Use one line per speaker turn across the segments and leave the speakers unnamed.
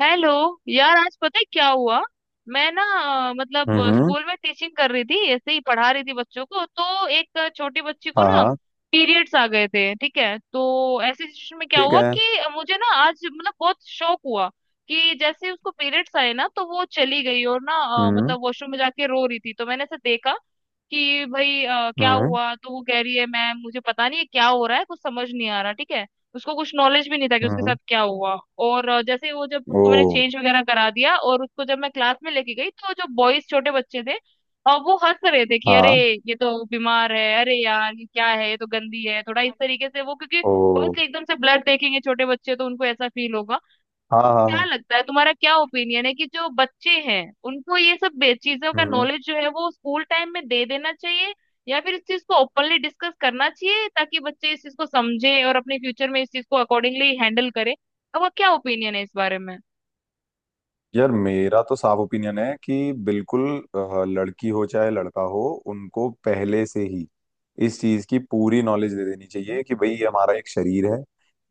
Hello. यार, आज पता है क्या हुआ? मैं ना मतलब
हम्म।
स्कूल में टीचिंग कर रही थी, ऐसे ही पढ़ा रही थी बच्चों को, तो एक छोटी बच्ची को
हाँ
ना
हाँ।
पीरियड्स आ गए थे, ठीक है। तो ऐसी सिचुएशन में क्या
ठीक
हुआ
है।
कि मुझे ना आज मतलब बहुत शौक हुआ कि जैसे ही उसको पीरियड्स आए ना तो वो चली गई और ना
हम्म
मतलब वॉशरूम में जाके रो रही थी। तो मैंने ऐसे देखा कि भाई क्या
हम्म
हुआ, तो वो कह रही है मैम मुझे पता नहीं है क्या हो रहा है, कुछ समझ नहीं आ रहा, ठीक है। उसको कुछ नॉलेज भी नहीं था कि उसके साथ
हम्म।
क्या हुआ। और जैसे ही वो, जब
ओ।
उसको मैंने चेंज वगैरह करा दिया और उसको जब मैं क्लास में लेके गई, तो जो बॉयज छोटे बच्चे थे वो हंस रहे थे कि अरे
हाँ।
ये तो बीमार है, अरे यार ये क्या है, ये तो गंदी है, थोड़ा इस तरीके से। वो क्योंकि
ओ।
obviously एकदम से ब्लड देखेंगे छोटे बच्चे तो उनको ऐसा फील होगा।
हाँ हाँ
क्या
हाँ,
लगता है तुम्हारा, क्या ओपिनियन है कि जो बच्चे हैं उनको ये सब चीजों का
हम्म।
नॉलेज जो है वो स्कूल टाइम में दे देना चाहिए, या फिर इस चीज को ओपनली डिस्कस करना चाहिए ताकि बच्चे इस चीज को समझे और अपने फ्यूचर में इस चीज को अकॉर्डिंगली हैंडल करें? आपका क्या ओपिनियन है इस बारे में?
यार मेरा तो साफ ओपिनियन है कि बिल्कुल लड़की हो चाहे लड़का हो, उनको पहले से ही इस चीज की पूरी नॉलेज दे देनी चाहिए कि भाई ये हमारा एक शरीर है।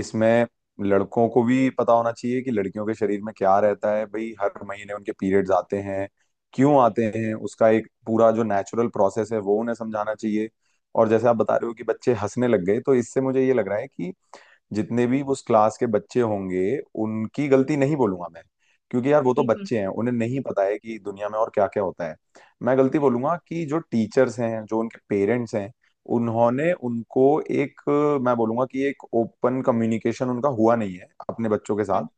इसमें लड़कों को भी पता होना चाहिए कि लड़कियों के शरीर में क्या रहता है, भाई हर महीने उनके पीरियड्स आते हैं। क्यों आते हैं, उसका एक पूरा जो नेचुरल प्रोसेस है वो उन्हें समझाना चाहिए। और जैसे आप बता रहे हो कि बच्चे हंसने लग गए, तो इससे मुझे ये लग रहा है कि जितने भी उस क्लास के बच्चे होंगे, उनकी गलती नहीं बोलूंगा मैं, क्योंकि यार वो तो
बिल्कुल।
बच्चे हैं, उन्हें नहीं पता है कि दुनिया में और क्या क्या होता है। मैं गलती बोलूंगा कि जो टीचर्स हैं, जो उनके पेरेंट्स हैं, उन्होंने उनको एक, मैं बोलूंगा कि एक ओपन कम्युनिकेशन उनका हुआ नहीं है अपने बच्चों के साथ,
हम्म,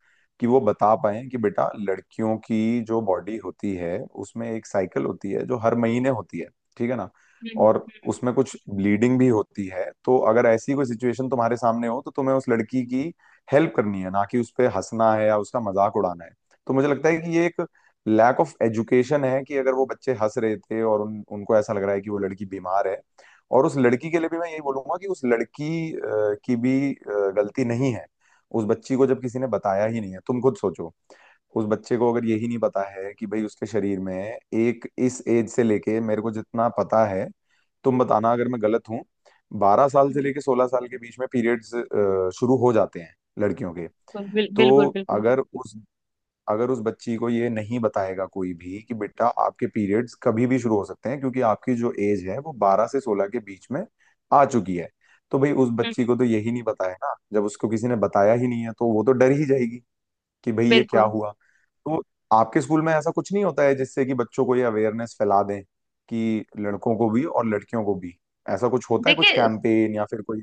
कि वो बता पाए कि बेटा लड़कियों की जो बॉडी होती है, उसमें एक साइकिल होती है जो हर महीने होती है, ठीक है ना।
हम्म,
और
हम्म,
उसमें कुछ ब्लीडिंग भी होती है, तो अगर ऐसी कोई सिचुएशन तुम्हारे सामने हो, तो तुम्हें उस लड़की की हेल्प करनी है, ना कि उस पे हंसना है या उसका मजाक उड़ाना है। तो मुझे लगता है कि ये एक लैक ऑफ एजुकेशन है कि अगर वो बच्चे हंस रहे थे और उन उनको ऐसा लग रहा है कि वो लड़की बीमार है। और उस लड़की के लिए भी मैं यही बोलूंगा कि उस लड़की की भी गलती नहीं है। उस बच्ची को जब किसी ने बताया ही नहीं है, तुम खुद सोचो, उस बच्चे को अगर यही नहीं पता है कि भाई उसके शरीर में एक, इस एज से लेके मेरे को जितना पता है, तुम बताना अगर मैं गलत हूँ, 12 साल
हम्म,
से
हम्म,
लेके 16 साल के बीच में पीरियड्स शुरू हो जाते हैं लड़कियों के।
हम्म। बिल्कुल, बिल्कुल,
तो
बिल्कुल।
अगर उस अगर उस बच्ची को ये नहीं बताएगा कोई भी कि बेटा आपके पीरियड्स कभी भी शुरू हो सकते हैं, क्योंकि आपकी जो एज है वो 12 से 16 के बीच में आ चुकी है, तो भाई उस बच्ची
हम्म।
को तो यही नहीं पता है ना, जब उसको किसी ने बताया ही नहीं है, तो वो तो डर ही जाएगी कि भाई ये क्या
बिल्कुल।
हुआ। तो आपके स्कूल में ऐसा कुछ नहीं होता है जिससे कि बच्चों को ये अवेयरनेस फैला दें कि लड़कों को भी और लड़कियों को भी ऐसा कुछ होता है, कुछ
देखिए,
कैंपेन या फिर कोई।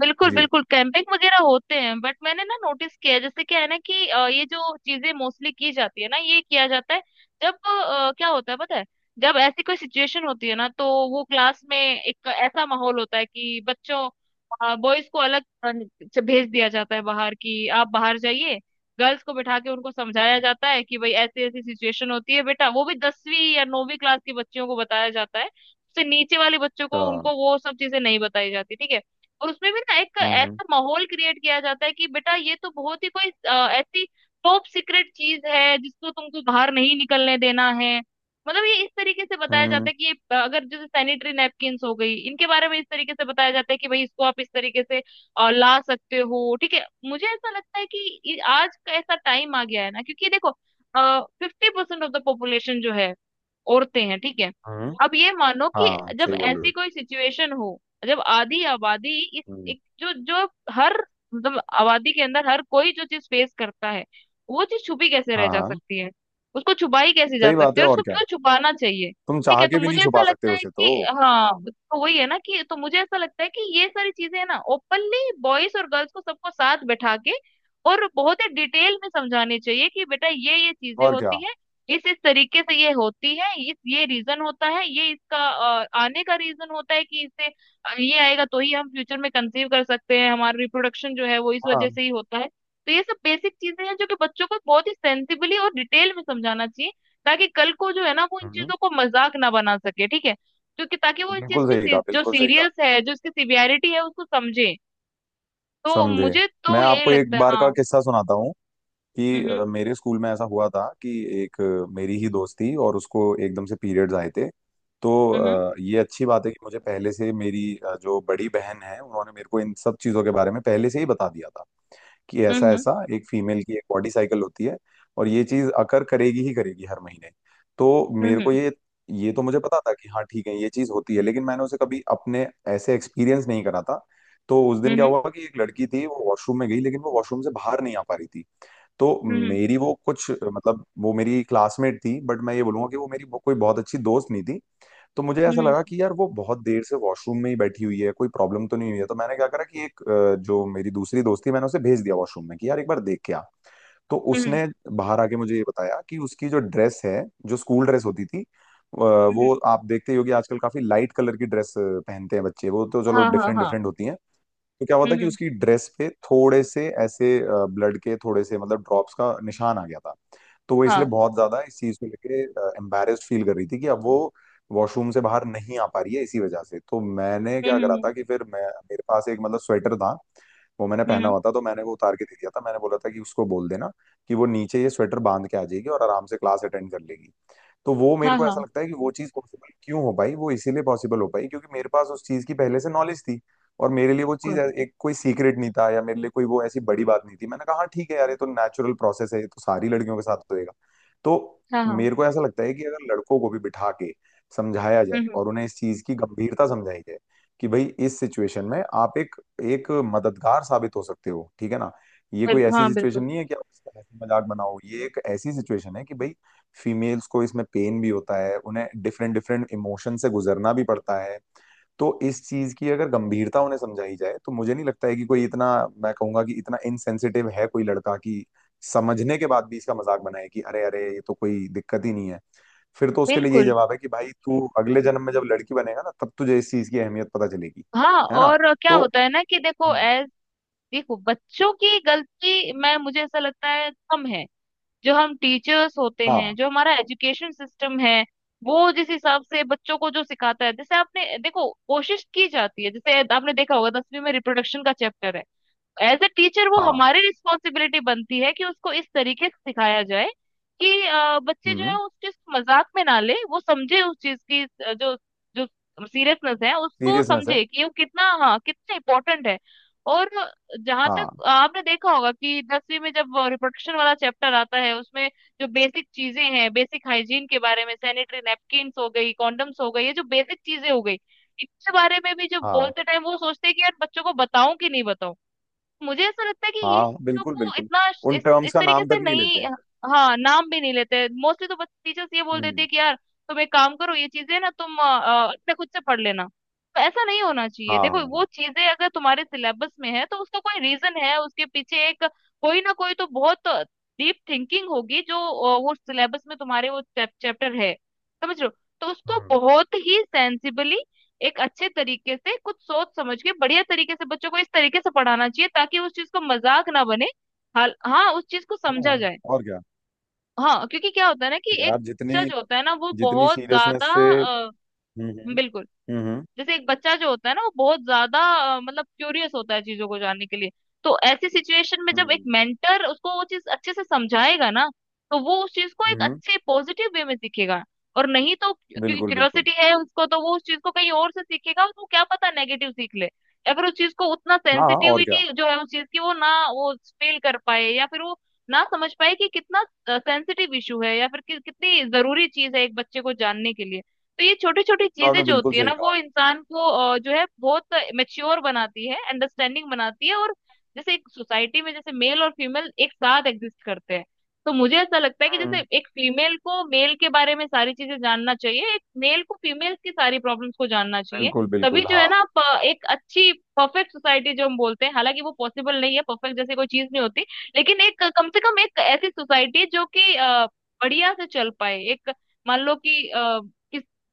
बिल्कुल
जी।
बिल्कुल कैंपिंग वगैरह होते हैं, बट मैंने ना नोटिस किया है, जैसे क्या है ना कि ये जो चीजें मोस्टली की जाती है ना, ये किया जाता है। जब क्या होता है पता है, जब ऐसी कोई सिचुएशन होती है ना तो वो क्लास में एक ऐसा माहौल होता है कि बच्चों, बॉयज को अलग से भेज दिया जाता है बाहर कि आप बाहर जाइए। गर्ल्स को बिठा के उनको समझाया जाता है कि भाई ऐसी ऐसी सिचुएशन होती है बेटा, वो भी दसवीं या नौवीं क्लास के बच्चियों को बताया जाता है, उससे नीचे वाले बच्चों को,
हाँ।
उनको वो सब चीजें नहीं बताई जाती, ठीक है। और उसमें भी ना एक
हम्म
ऐसा माहौल क्रिएट किया जाता है कि बेटा ये तो बहुत ही कोई ऐसी टॉप सीक्रेट चीज है जिसको तुमको बाहर नहीं निकलने देना है। मतलब ये इस तरीके से बताया जाता
हम्म
है कि ये, अगर जैसे सैनिटरी नैपकिन्स हो गई, इनके बारे में इस तरीके से बताया जाता है कि भाई इसको आप इस तरीके से ला सकते हो, ठीक है। मुझे ऐसा लगता है कि आज का ऐसा टाइम आ गया है ना, क्योंकि देखो fifty percent of the population जो है औरतें हैं, ठीक है।
हम्म।
अब ये मानो कि
हाँ
जब
सही बोल रहे
ऐसी
हो।
कोई सिचुएशन हो, जब आधी आबादी इस,
हम्म,
एक जो जो, हर, मतलब आबादी के अंदर हर कोई जो चीज फेस करता है वो चीज छुपी कैसे रह
हाँ
जा
हाँ।
सकती है, उसको छुपाई कैसे जा
सही बात
सकती
है,
है,
और
उसको
क्या।
क्यों छुपाना चाहिए?
तुम
ठीक
चाह
है, तो
के भी
मुझे
नहीं
ऐसा
छुपा सकते
लगता है
उसे तो।
कि हाँ, तो वही है ना कि, तो मुझे ऐसा लगता है कि ये सारी चीजें है ना ओपनली बॉयज और गर्ल्स को सबको साथ बैठा के और बहुत ही डिटेल में समझानी चाहिए कि बेटा ये चीजें
और क्या।
होती हैं, इस तरीके से ये होती है, इस ये रीजन होता है ये इसका आने का रीजन होता है कि इससे, ये आएगा तो ही हम फ्यूचर में कंसीव कर सकते हैं, हमारा रिप्रोडक्शन जो है वो इस
हाँ।
वजह से ही होता है। तो ये सब बेसिक चीजें हैं जो कि बच्चों को बहुत ही सेंसिबली और डिटेल में समझाना चाहिए, ताकि कल को जो है ना वो इन
हम्म।
चीजों को मजाक ना बना सके, ठीक है क्योंकि, ताकि वो इस चीज
बिल्कुल
की
सही कहा,
जो
बिल्कुल सही कहा।
सीरियस है, जो इसकी सिवियरिटी है उसको समझे। तो
समझे।
मुझे
मैं
तो यही
आपको
लगता
एक
है,
बार का
हाँ।
किस्सा सुनाता हूँ, कि
हम्म,
मेरे स्कूल में ऐसा हुआ था कि एक, मेरी ही दोस्त थी और उसको एकदम से पीरियड्स आए थे। तो
हम्म,
ये अच्छी बात है कि मुझे पहले से मेरी जो बड़ी बहन है उन्होंने मेरे को इन सब चीज़ों के बारे में पहले से ही बता दिया था कि
हम्म,
ऐसा
हम्म,
ऐसा एक फीमेल की एक बॉडी साइकिल होती है और ये चीज़ अकर करेगी ही करेगी हर महीने। तो मेरे
हम्म,
को ये तो मुझे पता था कि हाँ ठीक है ये चीज़ होती है, लेकिन मैंने उसे कभी अपने ऐसे एक्सपीरियंस नहीं करा था। तो उस दिन
हम्म,
क्या
हम्म,
हुआ कि एक लड़की थी, वो वॉशरूम में गई, लेकिन वो वॉशरूम से बाहर नहीं आ पा रही थी। तो
हम्म, हम्म,
मेरी वो कुछ मतलब वो मेरी क्लासमेट थी, बट मैं ये बोलूंगा कि वो मेरी वो कोई बहुत अच्छी दोस्त नहीं थी। तो मुझे
हम्म,
ऐसा
हम्म,
लगा कि यार वो बहुत देर से वॉशरूम में ही बैठी हुई है, कोई प्रॉब्लम तो नहीं हुई है। तो मैंने क्या करा कि एक, जो मेरी दूसरी दोस्त थी मैंने उसे भेज दिया वॉशरूम में कि यार एक बार देख के आ। तो
हम्म।
उसने बाहर आके मुझे ये बताया कि उसकी जो ड्रेस है, जो स्कूल ड्रेस होती थी,
हम्म,
वो आप देखते ही होगे आजकल काफी लाइट कलर की ड्रेस पहनते हैं बच्चे, वो तो चलो
हाँ हाँ
डिफरेंट
हाँ।
डिफरेंट होती है। तो क्या हुआ था
हम्म,
कि उसकी ड्रेस पे थोड़े से ऐसे ब्लड के थोड़े से मतलब ड्रॉप्स का निशान आ गया था। तो वो इसलिए
हाँ।
बहुत ज्यादा इस चीज को लेके एम्बेरेस्ड फील कर रही थी कि अब वो वॉशरूम से बाहर नहीं आ पा रही है इसी वजह से। तो मैंने क्या
हम्म,
करा
हम्म, हम्म,
था कि फिर मैं मेरे पास एक मतलब स्वेटर था, वो मैंने पहना
हम्म।
हुआ था, तो मैंने वो उतार के दे दिया था। मैंने बोला था कि उसको बोल देना कि वो नीचे ये स्वेटर बांध के आ जाएगी और आराम से क्लास अटेंड कर लेगी। तो वो
हाँ
मेरे को
हाँ।
ऐसा लगता है कि वो चीज़ पॉसिबल क्यों हो पाई, वो इसीलिए पॉसिबल हो पाई क्योंकि मेरे पास उस चीज़ की पहले से नॉलेज थी। और मेरे लिए वो
बिल्कुल।
एक कोई सीक्रेट नहीं था, या मेरे लिए कोई वो ऐसी बड़ी बात नहीं थी। मैंने कहा हाँ ठीक है यार ये तो नेचुरल प्रोसेस है, ये तो सारी लड़कियों के साथ होएगा। तो
हाँ हाँ।
मेरे को ऐसा लगता है कि अगर लड़कों को भी बिठा के समझाया
हम्म,
जाए
हम्म।
और उन्हें इस चीज़ की गंभीरता समझाई जाए कि भाई इस सिचुएशन में आप एक एक मददगार साबित हो सकते हो, ठीक है ना। ये कोई
बिल्कुल।
ऐसी
हाँ बिल्कुल।
सिचुएशन नहीं है कि आप इसका हंसी मजाक बनाओ, ये एक ऐसी सिचुएशन है कि भाई फीमेल्स को इसमें पेन भी होता है, उन्हें डिफरेंट डिफरेंट इमोशन से गुजरना भी पड़ता है। तो इस चीज की अगर गंभीरता उन्हें समझाई जाए, तो मुझे नहीं लगता है कि कोई इतना, मैं कहूंगा कि इतना इनसेंसिटिव है कोई लड़का कि समझने के बाद भी इसका मजाक बनाए कि अरे अरे ये तो कोई दिक्कत ही नहीं है। फिर तो उसके लिए यही
बिल्कुल।
जवाब है कि भाई तू अगले जन्म में जब लड़की बनेगा ना तब तुझे इस चीज की अहमियत पता चलेगी।
हाँ,
है ना।
और क्या
तो
होता है ना कि देखो
हम्म,
एज, देखो बच्चों की गलती, मैं मुझे ऐसा लगता है कम है। जो हम टीचर्स होते हैं,
हाँ
जो हमारा एजुकेशन सिस्टम है, वो जिस हिसाब से बच्चों को जो सिखाता है, जैसे आपने देखो कोशिश की जाती है, जैसे आपने देखा होगा दसवीं में रिप्रोडक्शन का चैप्टर है, एज अ टीचर वो
हाँ।
हमारी रिस्पॉन्सिबिलिटी बनती है कि उसको इस तरीके से सिखाया जाए कि बच्चे जो है
हम्म।
उस चीज को मजाक में ना ले, वो समझे उस चीज की, जो जो सीरियसनेस है उसको
सीरियसनेस है।
समझे कि वो कितना, हाँ कितना इम्पोर्टेंट है। और जहां तक
हाँ
आपने देखा होगा कि दसवीं में जब रिप्रोडक्शन वाला चैप्टर आता है उसमें जो बेसिक चीजें हैं, बेसिक हाइजीन के बारे में, सैनिटरी नैपकिन्स हो गई, कॉन्डम्स हो गई, ये जो बेसिक चीजें हो गई, इसके बारे में भी जो
हाँ
बोलते टाइम वो सोचते हैं कि यार बच्चों को बताऊं कि नहीं बताऊं। मुझे ऐसा लगता है कि ये
हाँ,
चीजों
बिल्कुल
को
बिल्कुल।
इतना
उन
इस
टर्म्स का
तरीके
नाम तक
से
नहीं लेते
नहीं।
हैं।
हाँ, नाम भी नहीं लेते मोस्टली, तो बस टीचर्स ये बोल देते
हम्म।
हैं कि यार तुम एक काम करो, ये चीजें ना तुम अपने खुद से पढ़ लेना। तो ऐसा नहीं होना चाहिए,
हाँ हाँ
देखो वो
हाँ।
चीजें अगर तुम्हारे सिलेबस में है तो उसका कोई रीजन है उसके पीछे, एक कोई ना कोई तो बहुत डीप थिंकिंग होगी जो, वो सिलेबस में तुम्हारे वो चैप्टर है, समझ रहे हो? तो उसको
हम्म।
बहुत ही सेंसिबली, एक अच्छे तरीके से कुछ सोच समझ के बढ़िया तरीके से बच्चों को इस तरीके से पढ़ाना चाहिए ताकि उस चीज को मजाक ना बने, हाल हाँ उस चीज को
हाँ,
समझा जाए।
और क्या।
हाँ क्योंकि क्या होता है ना कि एक
यार
टीचर
जितनी
जो होता है ना वो
जितनी
बहुत
सीरियसनेस
ज्यादा
से,
अ,
हम्म
बिल्कुल,
हम्म हम्म
जैसे एक बच्चा जो होता है ना वो बहुत ज्यादा मतलब क्यूरियस होता है चीजों को जानने के लिए। तो ऐसी सिचुएशन में जब एक
हम्म
मेंटर उसको वो चीज अच्छे से समझाएगा ना तो वो उस चीज को एक
हम्म,
अच्छे पॉजिटिव वे में सीखेगा। और नहीं तो क्योंकि
बिल्कुल बिल्कुल।
क्यूरियोसिटी है उसको तो वो उस चीज को कहीं और से सीखेगा, उसको क्या पता नेगेटिव सीख ले। या फिर उस चीज को उतना,
हाँ हाँ, और क्या।
सेंसिटिविटी जो है उस चीज की वो ना वो फील कर पाए, या फिर वो ना समझ पाए कि कितना सेंसिटिव इशू है, या फिर कि, कितनी जरूरी चीज है एक बच्चे को जानने के लिए। तो ये छोटी छोटी
तो
चीजें
आपने
जो
बिल्कुल
होती है
सही
ना
कहा।
वो इंसान को जो है बहुत मेच्योर बनाती है, अंडरस्टैंडिंग बनाती है। और जैसे एक सोसाइटी में जैसे मेल और फीमेल एक साथ एग्जिस्ट करते हैं, तो मुझे ऐसा लगता है कि जैसे
हम्म।
एक फीमेल को मेल के बारे में सारी चीजें जानना चाहिए, एक मेल को फीमेल की सारी प्रॉब्लम्स को जानना चाहिए।
बिल्कुल बिल्कुल
तभी जो है
हाँ।
ना आप एक अच्छी, परफेक्ट सोसाइटी जो हम बोलते हैं, हालांकि वो पॉसिबल नहीं है, परफेक्ट जैसी कोई चीज नहीं होती, लेकिन एक कम से कम एक ऐसी सोसाइटी जो कि बढ़िया से चल पाए, एक, मान लो कि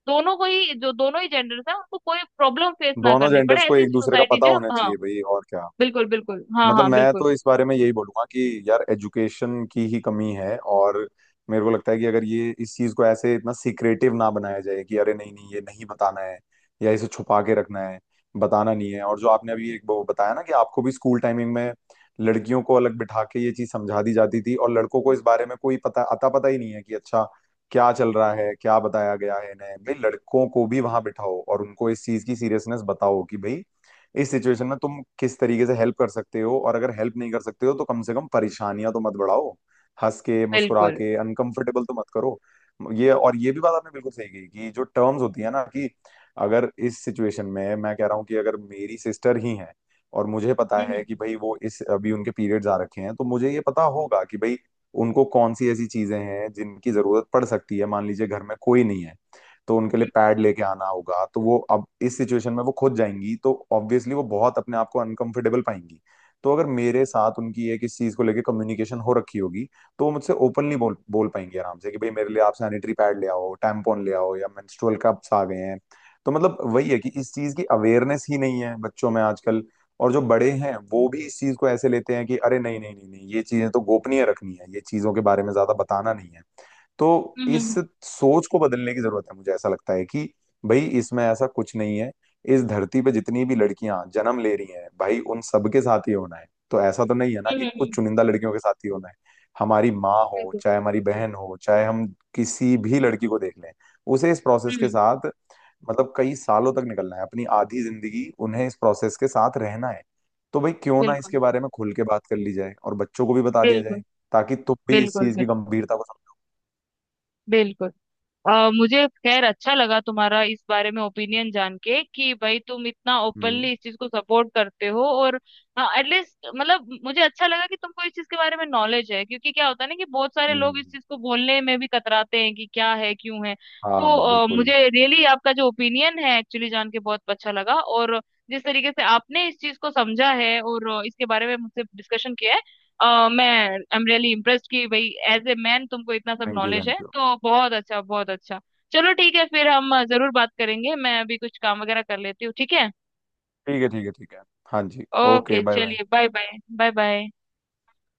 दोनों को ही, जो दोनों ही जेंडर्स हैं उनको कोई प्रॉब्लम फेस ना
दोनों
करनी पड़े,
जेंडर्स को
ऐसी
एक दूसरे का
सोसाइटी
पता
जो
होना
हाँ
चाहिए भाई, और क्या।
बिल्कुल, बिल्कुल हाँ
मतलब
हाँ,
मैं
बिल्कुल
तो इस बारे में यही बोलूंगा कि यार एजुकेशन की ही कमी है। और मेरे को लगता है कि अगर ये इस चीज को ऐसे इतना सीक्रेटिव ना बनाया जाए कि अरे नहीं नहीं, ये नहीं बताना है या इसे छुपा के रखना है, बताना नहीं है। और जो आपने अभी एक वो बताया ना कि आपको भी स्कूल टाइमिंग में लड़कियों को अलग बिठा के ये चीज समझा दी जाती थी, और लड़कों को इस बारे में कोई पता अता पता ही नहीं है कि अच्छा क्या चल रहा है, क्या बताया गया है इन्हें। भाई लड़कों को भी वहां बिठाओ और उनको इस चीज की सीरियसनेस बताओ कि भाई इस सिचुएशन में तुम किस तरीके से हेल्प कर सकते हो, और अगर हेल्प नहीं कर सकते हो तो कम से कम परेशानियां तो मत बढ़ाओ, हंस के मुस्कुरा
बिल्कुल।
के अनकंफर्टेबल तो मत करो। ये, और ये भी बात आपने बिल्कुल सही कही कि जो टर्म्स होती है ना, कि अगर इस सिचुएशन में मैं कह रहा हूँ कि अगर मेरी सिस्टर ही है और मुझे पता है
हम्म,
कि भाई वो इस अभी उनके पीरियड्स आ रखे हैं, तो मुझे ये पता होगा कि भाई उनको कौन सी ऐसी चीजें हैं जिनकी जरूरत पड़ सकती है। मान लीजिए घर में कोई नहीं है, तो उनके
हम्म,
लिए
हम्म।
पैड लेके आना होगा, तो वो अब इस सिचुएशन में वो खुद जाएंगी तो ऑब्वियसली वो बहुत अपने आप को अनकंफर्टेबल पाएंगी। तो अगर मेरे
बिल्कुल।
साथ उनकी एक इस चीज को लेके कम्युनिकेशन हो रखी होगी, तो वो मुझसे ओपनली बोल बोल पाएंगी आराम से कि भाई मेरे लिए आप सैनिटरी पैड ले आओ, टैम्पॉन ले आओ या मेंस्ट्रुअल कप्स आ गए हैं। तो मतलब वही है कि इस चीज की अवेयरनेस ही नहीं है बच्चों में आजकल, और जो बड़े हैं वो भी इस चीज को ऐसे लेते हैं कि अरे नहीं नहीं नहीं नहीं, ये चीजें तो गोपनीय रखनी है, ये चीजों के बारे में ज्यादा बताना नहीं है। तो
हम्म,
इस
हम्म,
सोच को बदलने की जरूरत है। मुझे ऐसा लगता है कि भाई इसमें ऐसा कुछ नहीं है, इस धरती पे जितनी भी लड़कियां जन्म ले रही हैं भाई उन सबके साथ ही होना है। तो ऐसा तो नहीं है ना
हम्म,
कि कुछ
हम्म।
चुनिंदा लड़कियों के साथ ही होना है। हमारी माँ हो,
बिल्कुल।
चाहे हमारी बहन हो, चाहे हम किसी भी लड़की को देख लें, उसे इस
हम्म,
प्रोसेस के
हम्म।
साथ मतलब कई सालों तक निकलना है, अपनी आधी जिंदगी उन्हें इस प्रोसेस के साथ रहना है। तो भाई क्यों ना इसके
बिल्कुल,
बारे में खुल के बात कर ली जाए और बच्चों को भी बता दिया
बिल्कुल,
जाए, ताकि तुम भी इस
बिल्कुल,
चीज की गंभीरता को समझो।
बिल्कुल। मुझे खैर अच्छा लगा तुम्हारा इस बारे में ओपिनियन जान के कि भाई तुम इतना
हम्म
ओपनली इस चीज को सपोर्ट करते हो, और एटलीस्ट मतलब मुझे अच्छा लगा कि तुमको इस चीज के बारे में नॉलेज है, क्योंकि क्या होता है ना कि बहुत सारे लोग इस
हम्म।
चीज को बोलने में भी कतराते हैं कि क्या है क्यों है।
हाँ
तो
बिल्कुल।
मुझे रियली आपका जो ओपिनियन है एक्चुअली जान के बहुत अच्छा लगा, और जिस तरीके से आपने इस चीज को समझा है और इसके बारे में मुझसे डिस्कशन किया है, मैं, आई एम रियली इम्प्रेस्ड कि भाई एज ए मैन तुमको इतना सब
थैंक यू
नॉलेज है,
थैंक यू।
तो बहुत अच्छा बहुत अच्छा। चलो ठीक है फिर, हम जरूर बात करेंगे, मैं अभी कुछ काम वगैरह कर लेती हूँ, ठीक है।
ठीक है ठीक है ठीक है। हाँ जी।
Okay
okay bye bye.
चलिए, बाय बाय, बाय बाय।